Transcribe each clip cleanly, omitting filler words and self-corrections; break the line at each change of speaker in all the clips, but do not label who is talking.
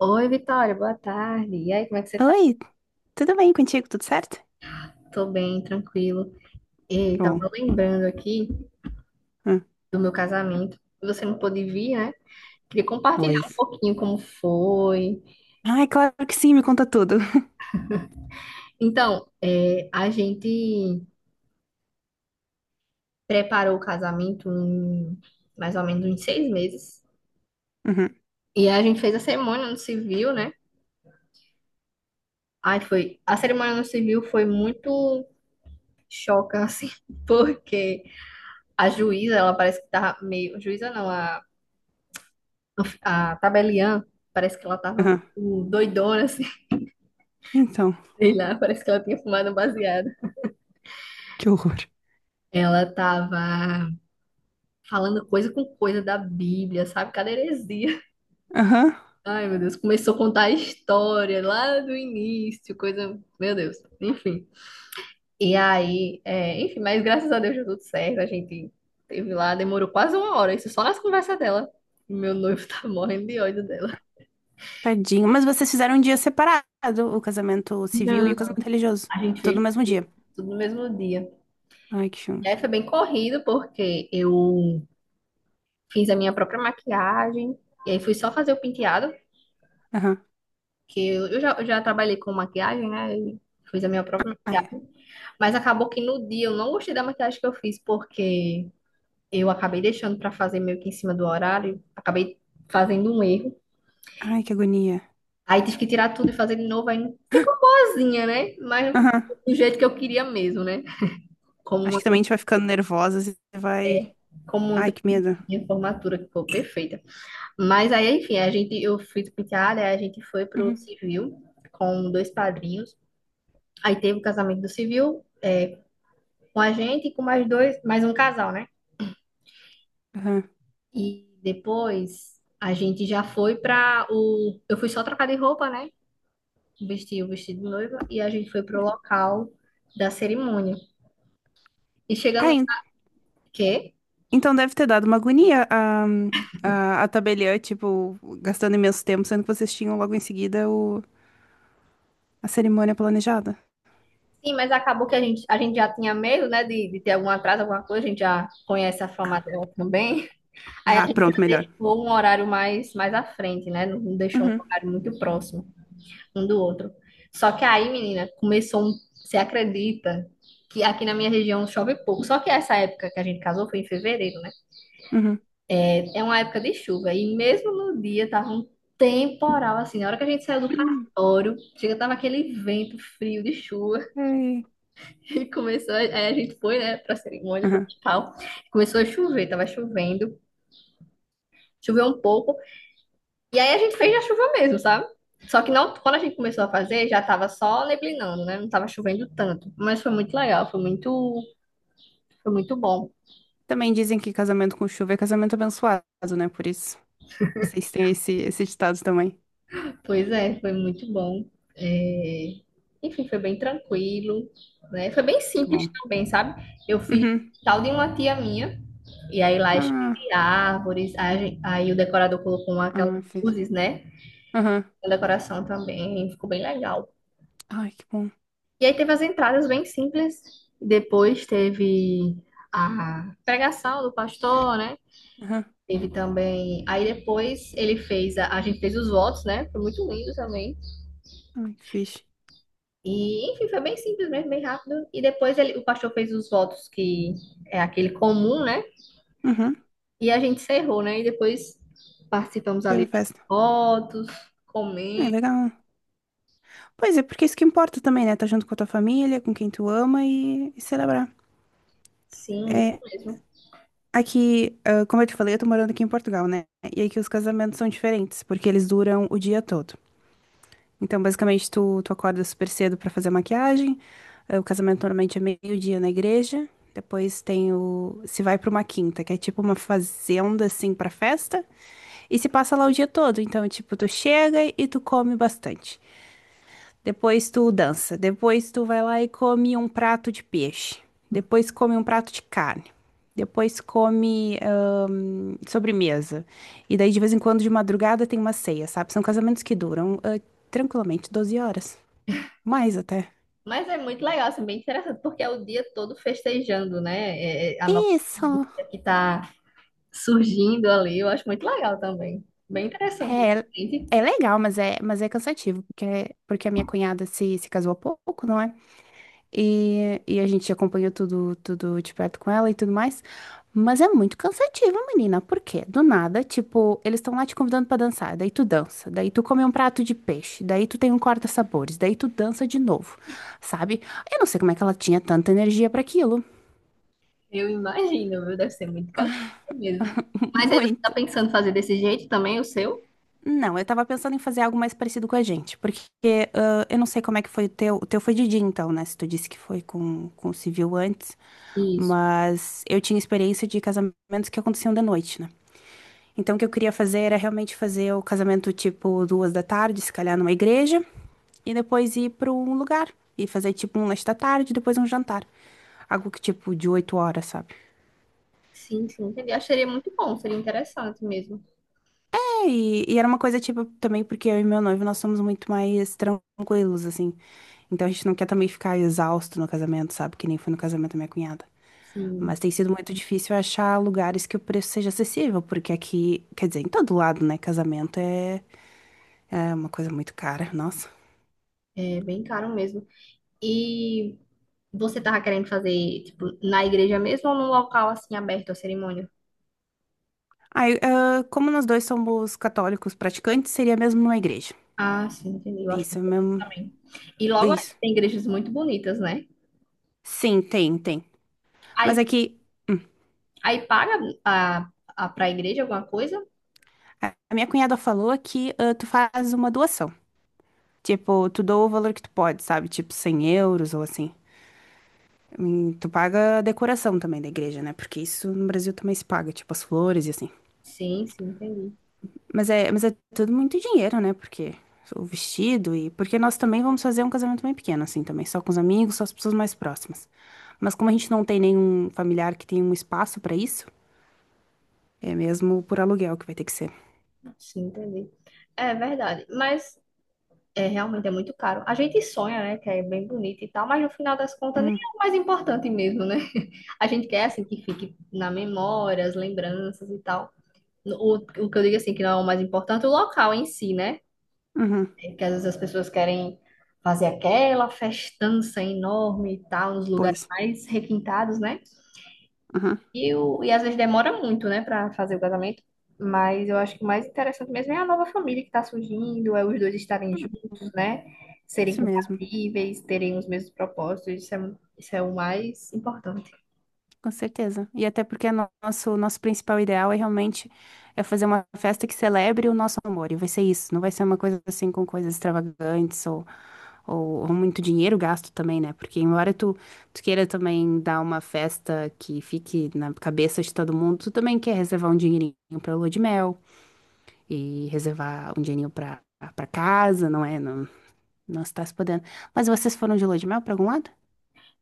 Oi, Vitória, boa tarde. E aí, como é que você tá?
Oi, tudo bem contigo? Tudo certo?
Tô bem, tranquilo. E
Que bom.
tava lembrando aqui
Hum,
do meu casamento. Você não pôde vir, né? Queria compartilhar um
pois.
pouquinho como foi.
Ai, claro que sim, me conta tudo.
Então, a gente preparou o casamento em mais ou menos uns 6 meses.
Uhum,
E a gente fez a cerimônia no civil, né? Ai, foi. A cerimônia no civil foi muito choca, assim, porque a juíza, ela parece que tava meio. Juíza não, a tabeliã, parece que ela tava
uhum.
doidona, assim,
Então,
sei lá, parece que ela tinha fumado um baseado.
que horror.
Ela tava falando coisa com coisa da Bíblia, sabe? Cada heresia.
Aham.
Ai, meu Deus, começou a contar a história lá do início, coisa. Meu Deus, enfim. E aí, enfim, mas graças a Deus deu tudo certo. A gente teve lá, demorou quase uma hora, isso só nas conversas dela. Meu noivo tá morrendo de ódio dela.
Tadinho. Mas vocês fizeram um dia separado, o casamento civil e o
Não.
casamento religioso.
A gente
Tudo no
fez
mesmo dia.
tudo no mesmo dia.
Ai, que
E
filme.
aí foi bem corrido, porque eu fiz a minha própria maquiagem, e aí fui só fazer o penteado,
Aham.
que eu já trabalhei com maquiagem, né? E fiz a minha própria
Ai,
maquiagem. Mas acabou que no dia eu não gostei da maquiagem que eu fiz, porque eu acabei deixando pra fazer meio que em cima do horário, acabei fazendo um erro.
ai, que agonia.
Aí tive que tirar tudo e fazer de novo, aí não- ficou boazinha, né? Mas não ficou
Aham.
do jeito que eu queria mesmo, né? Como
Acho
uma,
que
que
também a
eu-
gente vai ficando nervosa e vai.
Como uma que
Ai,
eu
que
fiz na
medo.
minha formatura, que foi perfeita. Mas aí, enfim, a gente, eu fiz penteada, aí a gente foi pro
Uhum.
civil com dois padrinhos. Aí teve o casamento do civil, é, com a gente e com mais dois, mais um casal, né?
Aham.
E depois a gente já foi pra o. Eu fui só trocar de roupa, né? Vestir o vestido de noiva e a gente foi pro local da cerimônia. E chegando.
Ai,
Quê?
então deve ter dado uma agonia a tabeliã, tipo, gastando imenso tempo, sendo que vocês tinham logo em seguida a cerimônia planejada.
Sim, mas acabou que a gente já tinha medo, né, de ter algum atraso, alguma coisa, a gente já conhece a forma dela também. Aí a
Ah,
gente
pronto,
já
melhor.
deixou um horário mais, mais à frente, né? Não deixou um
Uhum,
horário muito próximo um do outro. Só que aí, menina, começou um. Você acredita que aqui na minha região chove pouco? Só que essa época que a gente casou foi em fevereiro, né?
uhum.
É uma época de chuva. E mesmo no dia tava um temporal, assim. Na hora que a gente saiu do cartório, chega, tava aquele vento frio de chuva.
Ai,
E começou. Aí a gente foi, né, pra cerimônia, pro
aham.
hospital. Começou a chover, tava chovendo. Choveu um pouco. E aí a gente fez na chuva mesmo, sabe? Só que não, quando a gente começou a fazer, já tava só neblinando, né? Não tava chovendo tanto. Mas foi muito legal, foi muito bom.
Também dizem que casamento com chuva é casamento abençoado, né? Por isso, vocês têm esse ditado também.
Pois é, foi muito bom. É, enfim, foi bem tranquilo, né? Foi bem
Que
simples
bom.
também, sabe? Eu fiz
Uhum.
tal de uma tia minha, e aí lá
Ah,
escrevi árvores, aí, aí o decorador colocou aquelas
ah, fez.
luzes, né?
Aham.
Na decoração também, ficou bem legal.
Ai, que bom.
E aí teve as entradas bem simples. Depois teve a pregação do pastor, né?
Aham.
Teve também. Aí depois ele fez. A gente fez os votos, né? Foi muito lindo também.
Ai, que fixe.
E, enfim, foi bem simples mesmo, bem rápido. E depois ele, o pastor fez os votos, que é aquele comum, né?
Uhum.
E a gente encerrou, né? E depois participamos ali
Teve
das
festa.
fotos,
Ai,
comendo.
legal. Pois é, porque é isso que importa também, né? Tá junto com a tua família, com quem tu ama e celebrar.
Sim, isso
É,
mesmo.
aqui, como eu te falei, eu tô morando aqui em Portugal, né? E aqui os casamentos são diferentes, porque eles duram o dia todo. Então, basicamente, tu acorda super cedo pra fazer a maquiagem. O casamento normalmente é meio-dia na igreja. Depois, se vai pra uma quinta, que é tipo uma fazenda, assim, pra festa. E se passa lá o dia todo. Então, tipo, tu chega e tu come bastante. Depois tu dança. Depois tu vai lá e come um prato de peixe. Depois come um prato de carne. Depois come sobremesa. E daí, de vez em quando, de madrugada, tem uma ceia, sabe? São casamentos que duram tranquilamente 12 horas. Mais até.
Mas é muito legal, assim, bem interessante, porque é o dia todo festejando, né? É, é, a nova vida
Isso.
que tá surgindo ali, eu acho muito legal também. Bem interessante.
É,
Gente,
é legal, mas é cansativo, porque a minha cunhada se casou há pouco, não é? E a gente acompanhou tudo, tudo de perto com ela e tudo mais. Mas é muito cansativo, menina. Por quê? Do nada, tipo, eles estão lá te convidando pra dançar. Daí tu dança. Daí tu come um prato de peixe. Daí tu tem um corta-sabores. Daí tu dança de novo, sabe? Eu não sei como é que ela tinha tanta energia pra aquilo.
eu imagino, viu? Deve ser muito cansativo mesmo. Mas aí você tá
Muito.
pensando fazer desse jeito também, o seu?
Não, eu tava pensando em fazer algo mais parecido com a gente, porque eu não sei como é que foi o teu. O teu foi de dia, então, né? Se tu disse que foi com o civil antes,
Isso.
mas eu tinha experiência de casamentos que aconteciam de noite, né? Então, o que eu queria fazer era realmente fazer o casamento tipo 2 da tarde, se calhar numa igreja, e depois ir pra um lugar e fazer tipo um lanche da tarde, depois um jantar. Algo que tipo de 8 horas, sabe?
Sim, sim, entendi. Acho que seria muito bom, seria interessante mesmo.
É, E era uma coisa, tipo, também porque eu e meu noivo, nós somos muito mais tranquilos, assim. Então a gente não quer também ficar exausto no casamento, sabe? Que nem foi no casamento da minha cunhada. Mas
Sim,
tem sido muito difícil achar lugares que o preço seja acessível, porque aqui, quer dizer, em todo lado, né? Casamento é uma coisa muito cara, nossa.
é bem caro mesmo. E você tava querendo fazer, tipo, na igreja mesmo ou num local, assim, aberto a cerimônia?
Aí, como nós dois somos católicos praticantes, seria mesmo numa igreja.
Ah, sim, entendi. Eu acho
Isso
muito
é
bonito
mesmo.
também. E logo
Isso.
tem igrejas muito bonitas, né?
Sim, tem, tem. Mas
Aí,
aqui,
aí paga a, a, para a igreja alguma coisa?
a minha cunhada falou que tu faz uma doação. Tipo, tu doa o valor que tu pode, sabe? Tipo, 100 euros ou assim. Tu paga a decoração também da igreja, né? Porque isso no Brasil também se paga, tipo, as flores e assim.
Sim, sim, entendi.
Mas é tudo muito dinheiro, né? Porque o vestido e... Porque nós também vamos fazer um casamento bem pequeno, assim, também. Só com os amigos, só as pessoas mais próximas. Mas como a gente não tem nenhum familiar que tenha um espaço pra isso, é mesmo por aluguel que vai ter que ser.
Sim, entendi. É verdade. Mas é, realmente é muito caro. A gente sonha, né? Que é bem bonito e tal, mas no final das contas nem
Hum,
é o mais importante mesmo, né? A gente quer assim que fique na memória, as lembranças e tal. O que eu digo assim, que não é o mais importante, o local em si, né?
uhum,
É que às vezes as pessoas querem fazer aquela festança enorme e tal, nos lugares
pois.
mais requintados, né?
Uhum,
E às vezes demora muito, né, pra fazer o casamento. Mas eu acho que o mais interessante mesmo é a nova família que tá surgindo, é os dois estarem juntos, né? Serem
isso mesmo.
compatíveis, terem os mesmos propósitos, isso é o mais importante.
Com certeza. E até porque nosso principal ideal é realmente fazer uma festa que celebre o nosso amor. E vai ser isso. Não vai ser uma coisa assim com coisas extravagantes ou muito dinheiro gasto também, né? Porque embora tu queira também dar uma festa que fique na cabeça de todo mundo, tu também quer reservar um dinheirinho pra lua de mel e reservar um dinheirinho pra casa, não é? Não, não está se podendo. Mas vocês foram de lua de mel pra algum lado?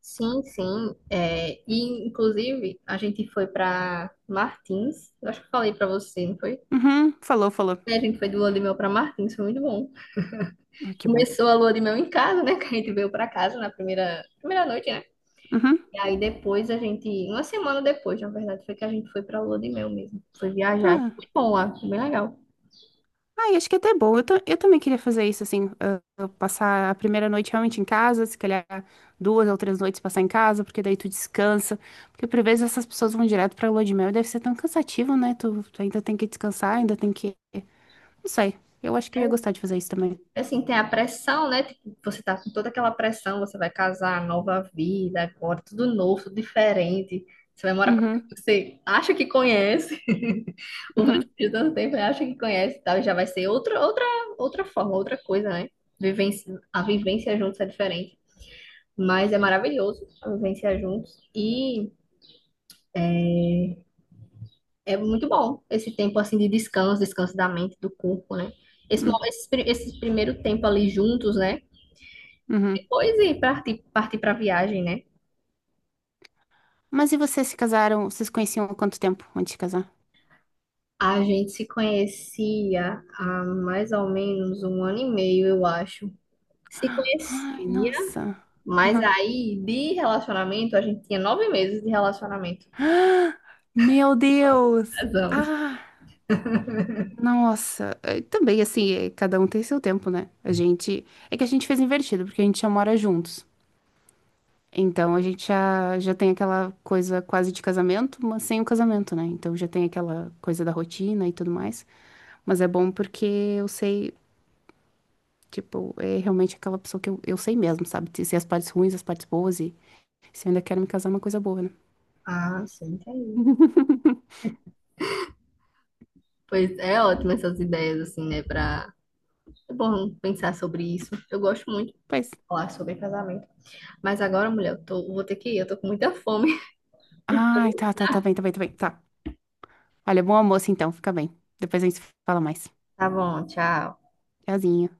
Sim, sim. É, e, inclusive, a gente foi pra Martins, eu acho que eu falei pra você, não foi?
Uhum, falou, falou.
É, a gente foi do Lua de Mel pra Martins, foi muito bom.
Ah, que bom.
Começou a lua de mel em casa, né? Que a gente veio pra casa na primeira noite, né?
Uhum.
E aí depois a gente, uma semana depois, na verdade, foi que a gente foi pra lua de mel mesmo. Foi viajar. Foi
Ah,
bom lá, foi bem legal.
ai, acho que é até bom. Eu também queria fazer isso, assim, passar a primeira noite realmente em casa, se calhar 2 ou 3 noites passar em casa, porque daí tu descansa. Porque por vezes essas pessoas vão direto pra lua de mel e deve ser tão cansativo, né? Tu ainda tem que descansar, ainda tem que. Não sei. Eu acho que eu ia gostar de fazer isso também.
Assim, tem a pressão, né? Tipo, você tá com toda aquela pressão, você vai casar, nova vida, agora tudo novo, tudo diferente. Você vai morar pra...
Uhum,
Você acha que conhece, o mais
uhum,
de tanto tempo, né? Acha que conhece e tal, e já vai ser outra, outra, outra forma, outra coisa, né? Vivência, a vivência juntos é diferente. Mas é maravilhoso vivenciar juntos. E é muito bom esse tempo assim de descanso, descanso da mente, do corpo, né? Esse, mo-
uhum,
esse, pri- esse primeiro tempo ali juntos, né?
uhum.
Depois e partir para viagem, né?
Mas e vocês se casaram? Vocês conheciam há quanto tempo antes de casar?
A gente se conhecia há mais ou menos um ano e meio, eu acho. Se
Ai,
conhecia,
nossa.
mas
Uhum.
aí de relacionamento, a gente tinha 9 meses de relacionamento.
Meu Deus!
Casamos.
Ah! Nossa, é, também assim, é, cada um tem seu tempo, né? A gente. É que a gente fez invertido, porque a gente já mora juntos. Então a gente já tem aquela coisa quase de casamento, mas sem o casamento, né? Então já tem aquela coisa da rotina e tudo mais. Mas é bom porque eu sei, tipo, é realmente aquela pessoa que eu sei mesmo, sabe? Se as partes ruins, as partes boas e se eu ainda quero me casar, é uma coisa boa, né?
Ah, sim, entendi. Pois é ótimo essas ideias, assim, né? Pra é bom pensar sobre isso. Eu gosto muito de
Pois.
falar sobre casamento. Mas agora, mulher, eu tô, vou ter que ir. Eu tô com muita fome.
Ai, tá, tá, tá bem, tá bem, tá bem. Tá. Olha, bom almoço então, fica bem. Depois a gente se fala mais.
Tá bom, tchau.
Tchauzinho.